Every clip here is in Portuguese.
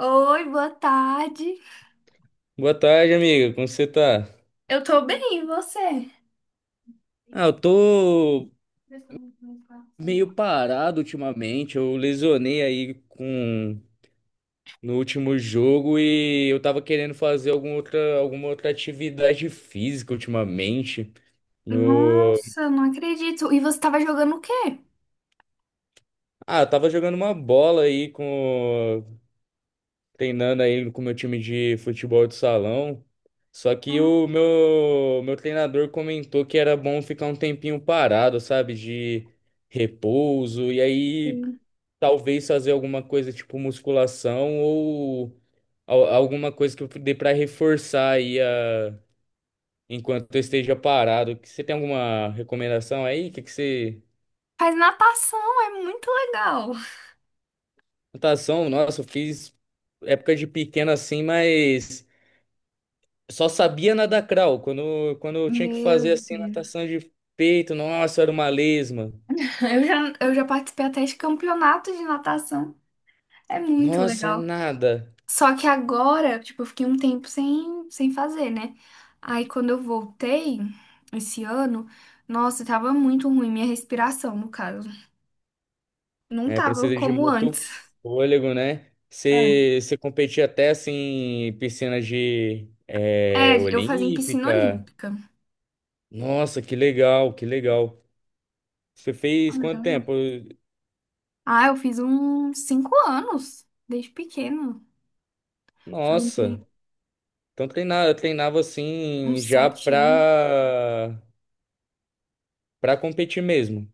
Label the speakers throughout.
Speaker 1: Oi, boa tarde.
Speaker 2: Boa tarde, amiga. Como você tá?
Speaker 1: Eu tô bem, e você?
Speaker 2: Ah, eu tô meio parado ultimamente. Eu lesionei aí com no último jogo e eu tava querendo fazer alguma outra atividade física ultimamente. No...
Speaker 1: Nossa, eu não acredito. E você tava jogando o quê?
Speaker 2: Ah, eu tava jogando uma bola aí com treinando aí com o meu time de futebol de salão. Só que o
Speaker 1: Ah,
Speaker 2: meu meu treinador comentou que era bom ficar um tempinho parado, sabe, de repouso. E aí
Speaker 1: sim.
Speaker 2: talvez fazer alguma coisa tipo musculação ou alguma coisa que eu dê pra reforçar aí enquanto eu esteja parado. Você tem alguma recomendação aí? Que você?
Speaker 1: Faz natação, é muito legal.
Speaker 2: Natação, nossa, eu fiz época de pequeno assim, mas só sabia nadar crawl. Quando eu tinha que
Speaker 1: Meu
Speaker 2: fazer assim
Speaker 1: Deus.
Speaker 2: natação de peito, nossa, era uma lesma.
Speaker 1: Eu já participei até de campeonato de natação. É muito
Speaker 2: Nossa, é
Speaker 1: legal.
Speaker 2: nada.
Speaker 1: Só que agora, tipo, eu fiquei um tempo sem fazer, né? Aí quando eu voltei esse ano, nossa, tava muito ruim minha respiração, no caso. Não
Speaker 2: É,
Speaker 1: tava
Speaker 2: precisa de
Speaker 1: como
Speaker 2: muito
Speaker 1: antes.
Speaker 2: fôlego, né?
Speaker 1: É,
Speaker 2: Você competia até assim em piscina de
Speaker 1: Eu fazia em piscina
Speaker 2: olímpica.
Speaker 1: olímpica.
Speaker 2: Nossa, que legal, que legal. Você
Speaker 1: Ah,
Speaker 2: fez
Speaker 1: que
Speaker 2: quanto
Speaker 1: legal.
Speaker 2: tempo?
Speaker 1: Ah, eu fiz uns 5 anos, desde pequeno. Eu entrei
Speaker 2: Nossa, então treinava assim
Speaker 1: uns
Speaker 2: já
Speaker 1: 7 anos.
Speaker 2: pra para competir mesmo.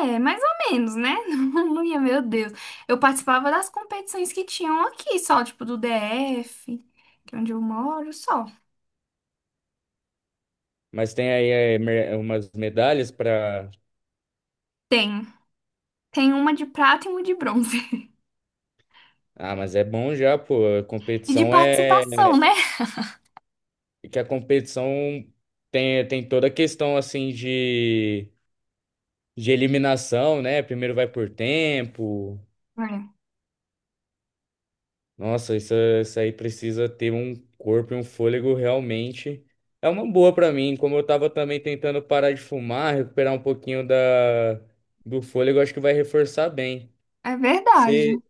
Speaker 1: É, mais ou menos, né? Não ia, meu Deus. Eu participava das competições que tinham aqui, só, tipo, do DF, que é onde eu moro, só.
Speaker 2: Mas tem aí umas medalhas pra.
Speaker 1: Tem. Tem uma de prata e uma de bronze.
Speaker 2: Ah, mas é bom já, pô. A
Speaker 1: E de
Speaker 2: competição é
Speaker 1: participação, né?
Speaker 2: que a competição tem toda a questão assim de eliminação, né? Primeiro vai por tempo.
Speaker 1: É,
Speaker 2: Nossa, isso aí precisa ter um corpo e um fôlego realmente. É uma boa pra mim. Como eu tava também tentando parar de fumar, recuperar um pouquinho do fôlego, acho que vai reforçar bem.
Speaker 1: é verdade.
Speaker 2: Você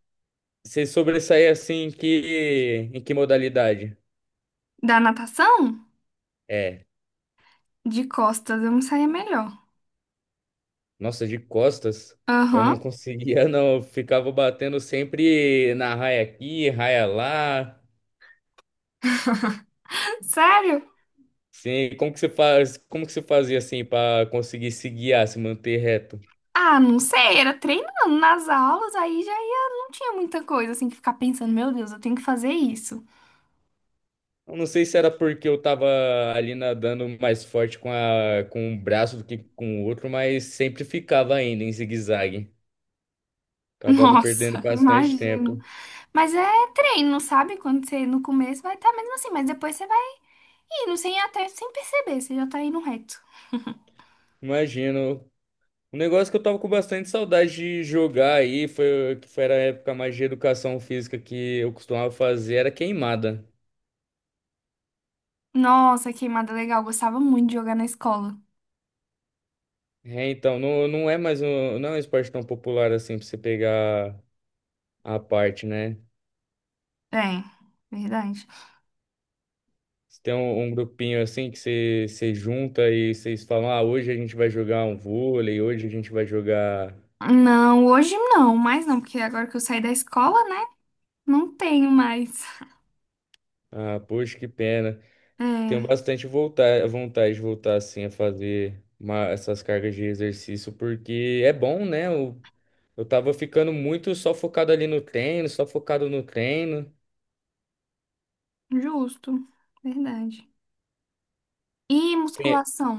Speaker 2: você sobressair assim em que modalidade?
Speaker 1: Da natação,
Speaker 2: É,
Speaker 1: de costas, eu me saía melhor.
Speaker 2: nossa, de costas. Eu não
Speaker 1: Aham.
Speaker 2: conseguia, não. Eu ficava batendo sempre na raia aqui, raia lá.
Speaker 1: Sério?
Speaker 2: Sim, como que você fazia assim para conseguir se guiar, se manter reto?
Speaker 1: Ah, não sei, era treinando nas aulas, aí já ia, não tinha muita coisa assim que ficar pensando, meu Deus, eu tenho que fazer isso.
Speaker 2: Eu não sei se era porque eu tava ali nadando mais forte com um braço do que com o outro, mas sempre ficava ainda em zigue-zague. Acabava perdendo
Speaker 1: Nossa,
Speaker 2: bastante
Speaker 1: imagino.
Speaker 2: tempo.
Speaker 1: Mas é treino, sabe? Quando você no começo vai estar mesmo assim, mas depois você vai indo sem até sem perceber, você já tá indo reto.
Speaker 2: Imagino. Um negócio que eu tava com bastante saudade de jogar aí, foi a época mais de educação física que eu costumava fazer, era queimada.
Speaker 1: Nossa, queimada legal, gostava muito de jogar na escola.
Speaker 2: É, então, não, não é mais um, não é um esporte tão popular assim pra você pegar a parte, né?
Speaker 1: É, verdade.
Speaker 2: Você tem um grupinho assim que você junta e vocês falam, ah, hoje a gente vai jogar um vôlei, hoje a gente vai jogar.
Speaker 1: Não, hoje não, mas não, porque agora que eu saí da escola, né? Não tenho mais.
Speaker 2: Ah, poxa, que pena. Tenho
Speaker 1: É,
Speaker 2: bastante vontade de voltar assim a fazer essas cargas de exercício, porque é bom, né? Eu tava ficando muito só focado ali no treino, só focado no treino.
Speaker 1: justo, verdade. E musculação?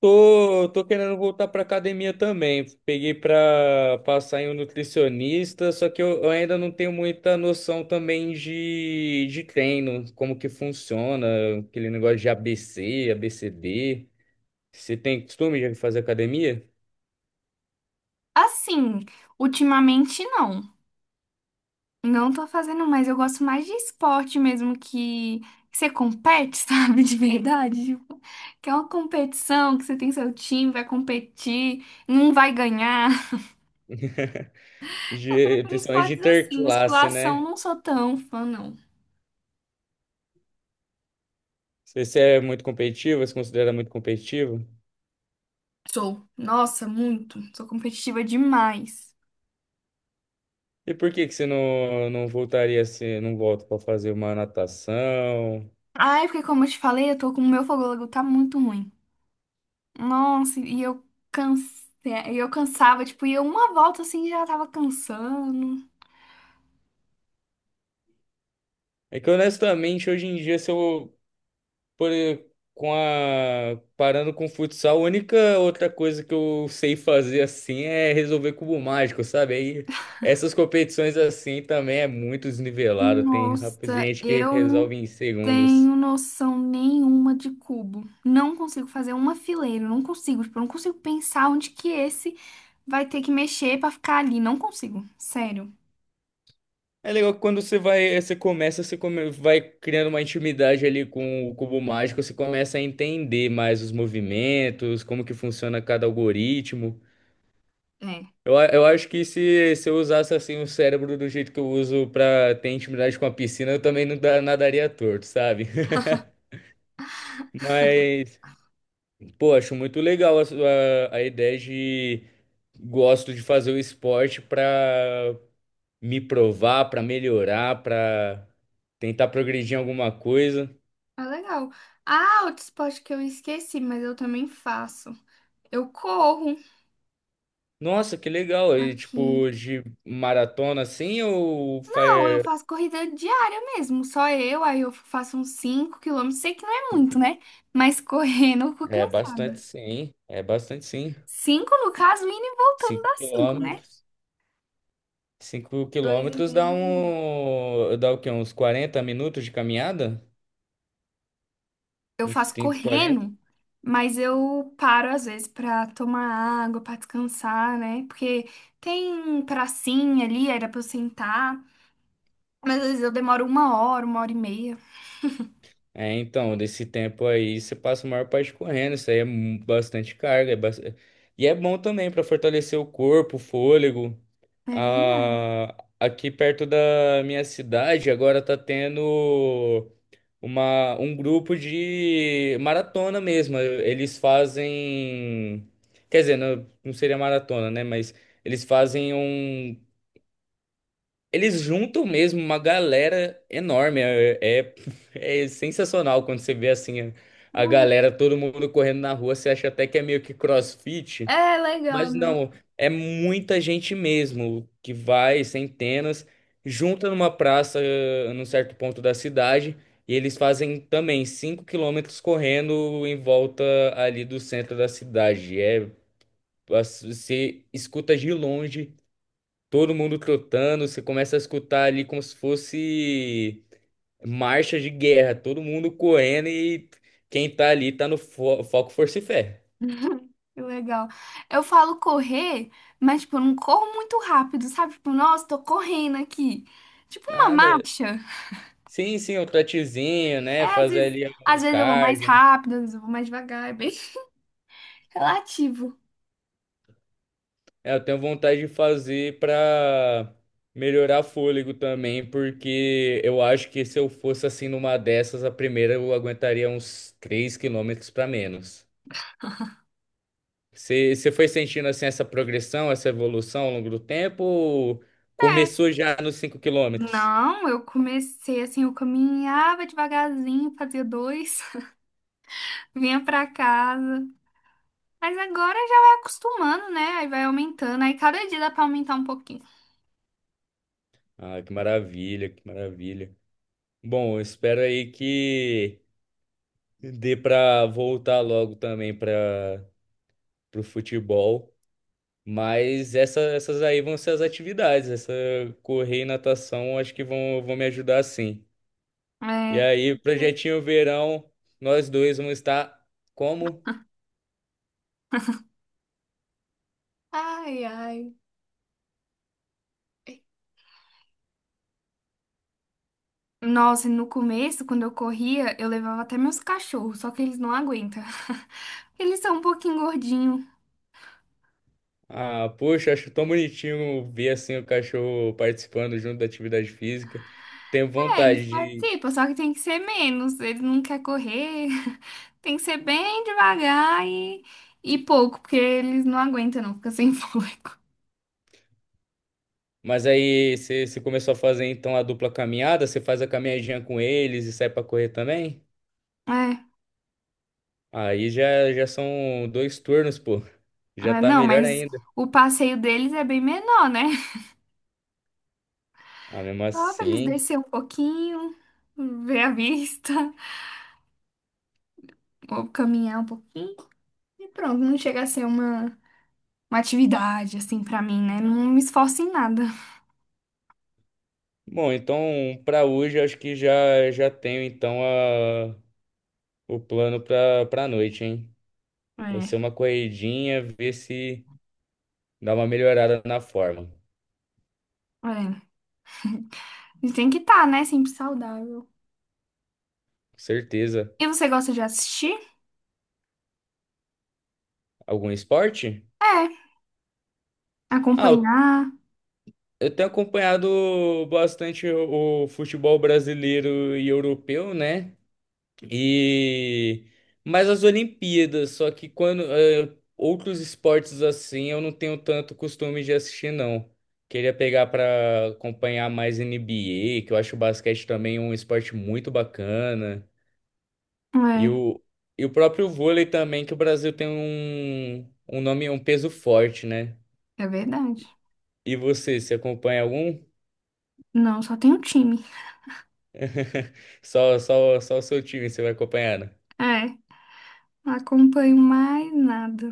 Speaker 2: Tô querendo voltar pra academia também. Peguei pra passar em um nutricionista, só que eu ainda não tenho muita noção também de treino, como que funciona, aquele negócio de ABC. D Você tem costume de fazer academia?
Speaker 1: Assim, ultimamente não. Não tô fazendo mais. Eu gosto mais de esporte mesmo que você compete, sabe? De verdade. Tipo, que é uma competição, que você tem seu time, vai competir, não vai ganhar. Eu
Speaker 2: De,
Speaker 1: prefiro
Speaker 2: principalmente de
Speaker 1: esportes assim.
Speaker 2: interclasse,
Speaker 1: Musculação,
Speaker 2: né?
Speaker 1: não sou tão fã, não.
Speaker 2: Você é muito competitivo, você se considera muito competitivo?
Speaker 1: Sou. Nossa, muito. Sou competitiva demais.
Speaker 2: E por que que você não, não voltaria assim, não volta pra fazer uma natação?
Speaker 1: Ai, porque como eu te falei, eu tô com o meu fôlego tá muito ruim. Nossa, e eu e eu cansava, tipo, ia uma volta assim e já tava cansando.
Speaker 2: É que honestamente, hoje em dia, se eu por, com a, parando com o futsal, a única outra coisa que eu sei fazer assim é resolver cubo mágico, sabe? Aí essas competições assim também é muito desnivelado. Tem
Speaker 1: Nossa,
Speaker 2: gente que
Speaker 1: eu não
Speaker 2: resolve em segundos.
Speaker 1: tenho noção nenhuma de cubo. Não consigo fazer uma fileira, não consigo, tipo, eu não consigo pensar onde que esse vai ter que mexer pra ficar ali, não consigo, sério.
Speaker 2: É legal que quando você vai, você começa, você come- vai criando uma intimidade ali com o cubo mágico, você começa a entender mais os movimentos, como que funciona cada algoritmo. Eu acho que se eu usasse assim o cérebro do jeito que eu uso pra ter intimidade com a piscina, eu também não nadaria torto, sabe? Mas, pô, acho muito legal a ideia de gosto de fazer o esporte pra me provar, pra melhorar, pra tentar progredir em alguma coisa.
Speaker 1: Ah, legal. Ah, outro esporte que eu esqueci, mas eu também faço. Eu corro
Speaker 2: Nossa, que legal! E,
Speaker 1: aqui.
Speaker 2: tipo, de maratona assim ou
Speaker 1: Não, eu faço corrida diária mesmo, só eu, aí eu faço uns 5 quilômetros, sei que não é muito, né? Mas correndo eu fico
Speaker 2: É bastante
Speaker 1: cansada.
Speaker 2: sim, é bastante sim.
Speaker 1: 5 no caso, indo e voltando
Speaker 2: cinco
Speaker 1: dá 5, né?
Speaker 2: quilômetros
Speaker 1: 2 e meio.
Speaker 2: dá
Speaker 1: Dá um.
Speaker 2: um. Dá o quê? Uns 40 minutos de caminhada?
Speaker 1: Eu
Speaker 2: Entre
Speaker 1: faço
Speaker 2: 30 e 40.
Speaker 1: correndo, mas eu paro às vezes pra tomar água, pra descansar, né? Porque tem pracinha ali, era pra eu sentar, mas às vezes eu demoro uma hora e meia.
Speaker 2: É, então, desse tempo aí você passa a maior parte correndo. Isso aí é bastante carga. E é bom também para fortalecer o corpo, o fôlego.
Speaker 1: É verdade.
Speaker 2: Ah, aqui perto da minha cidade agora tá tendo um grupo de maratona mesmo. Eles fazem. Quer dizer, não, não seria maratona, né? Mas. Eles fazem um Eles juntam mesmo uma galera enorme. É sensacional quando você vê assim a
Speaker 1: Uhum.
Speaker 2: galera, todo mundo correndo na rua. Você acha até que é meio que CrossFit,
Speaker 1: É legal.
Speaker 2: mas não, é muita gente mesmo que vai, centenas, junta numa praça num certo ponto da cidade e eles fazem também 5 km correndo em volta ali do centro da cidade. É, você escuta de longe. Todo mundo trotando, você começa a escutar ali como se fosse marcha de guerra, todo mundo correndo e quem tá ali tá no foco, força e fé.
Speaker 1: Que legal. Eu falo correr, mas, tipo, eu não corro muito rápido, sabe? Tipo, nossa, tô correndo aqui. Tipo uma
Speaker 2: Nada.
Speaker 1: marcha.
Speaker 2: Sim, sim, o trotezinho,
Speaker 1: É,
Speaker 2: né?
Speaker 1: às
Speaker 2: Fazer
Speaker 1: vezes,
Speaker 2: ali
Speaker 1: às
Speaker 2: o
Speaker 1: vezes eu vou mais
Speaker 2: cardio.
Speaker 1: rápido, às vezes eu vou mais devagar, é bem relativo.
Speaker 2: É, eu tenho vontade de fazer pra melhorar fôlego também, porque eu acho que se eu fosse assim numa dessas, a primeira eu aguentaria uns 3 km pra menos. Você foi sentindo assim essa progressão, essa evolução ao longo do tempo? Ou
Speaker 1: É.
Speaker 2: começou já nos 5 km?
Speaker 1: Não, eu comecei assim, eu caminhava devagarzinho, fazia dois, vinha pra casa. Mas agora já vai acostumando, né? Aí vai aumentando, aí cada dia dá pra aumentar um pouquinho.
Speaker 2: Ah, que maravilha, que maravilha. Bom, eu espero aí que dê para voltar logo também para o futebol. Mas essas aí vão ser as atividades. Essa correr e natação acho que vão me ajudar sim. E
Speaker 1: É.
Speaker 2: aí, projetinho verão, nós dois vamos estar como?
Speaker 1: Ai, ai. Nossa, no começo, quando eu corria, eu levava até meus cachorros, só que eles não aguentam. Eles são um pouquinho gordinhos.
Speaker 2: Ah, poxa, acho tão bonitinho ver assim o cachorro participando junto da atividade física. Tenho
Speaker 1: É, eles
Speaker 2: vontade de.
Speaker 1: participam, só que tem que ser menos. Eles não querem correr. Tem que ser bem devagar e pouco, porque eles não aguentam, não, fica sem fôlego.
Speaker 2: Mas aí você começou a fazer então a dupla caminhada, você faz a caminhadinha com eles e sai pra correr também?
Speaker 1: É,
Speaker 2: Aí já são dois turnos, pô. Já tá
Speaker 1: não,
Speaker 2: melhor
Speaker 1: mas
Speaker 2: ainda.
Speaker 1: o passeio deles é bem menor, né?
Speaker 2: Ah, mesmo
Speaker 1: Só pra eles
Speaker 2: assim.
Speaker 1: descer um pouquinho, ver a vista, ou caminhar um pouquinho. E pronto, não chega a ser uma. Uma atividade, assim, pra mim, né? Não me esforço em nada.
Speaker 2: Bom, então pra hoje eu acho que já já tenho então o plano pra noite, hein? Vai ser
Speaker 1: É,
Speaker 2: uma corridinha, ver se dá uma melhorada na forma.
Speaker 1: é. A tem que estar, né? Sempre saudável.
Speaker 2: Certeza.
Speaker 1: E você gosta de assistir?
Speaker 2: Algum esporte?
Speaker 1: É.
Speaker 2: Ah, eu,
Speaker 1: Acompanhar?
Speaker 2: eu tenho acompanhado bastante o futebol brasileiro e europeu, né? E mais as Olimpíadas, só que outros esportes assim, eu não tenho tanto costume de assistir, não. Queria pegar para acompanhar mais NBA, que eu acho o basquete também um esporte muito bacana. E
Speaker 1: É.
Speaker 2: o, e o próprio vôlei também, que o Brasil tem um nome, um peso forte, né?
Speaker 1: É verdade.
Speaker 2: E você acompanha algum?
Speaker 1: Não, só tem um time.
Speaker 2: Só o seu time você vai acompanhando.
Speaker 1: É. Não acompanho mais nada.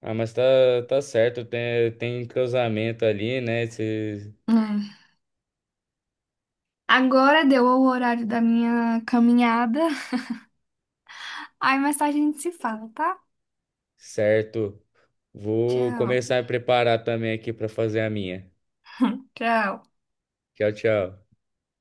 Speaker 2: Ah, mas tá certo, tem entrosamento ali, né?
Speaker 1: É. Agora deu o horário da minha caminhada. Aí mais tarde a gente se fala, tá?
Speaker 2: Certo. Vou
Speaker 1: Tchau.
Speaker 2: começar a preparar também aqui para fazer a minha.
Speaker 1: Tchau.
Speaker 2: Tchau, tchau.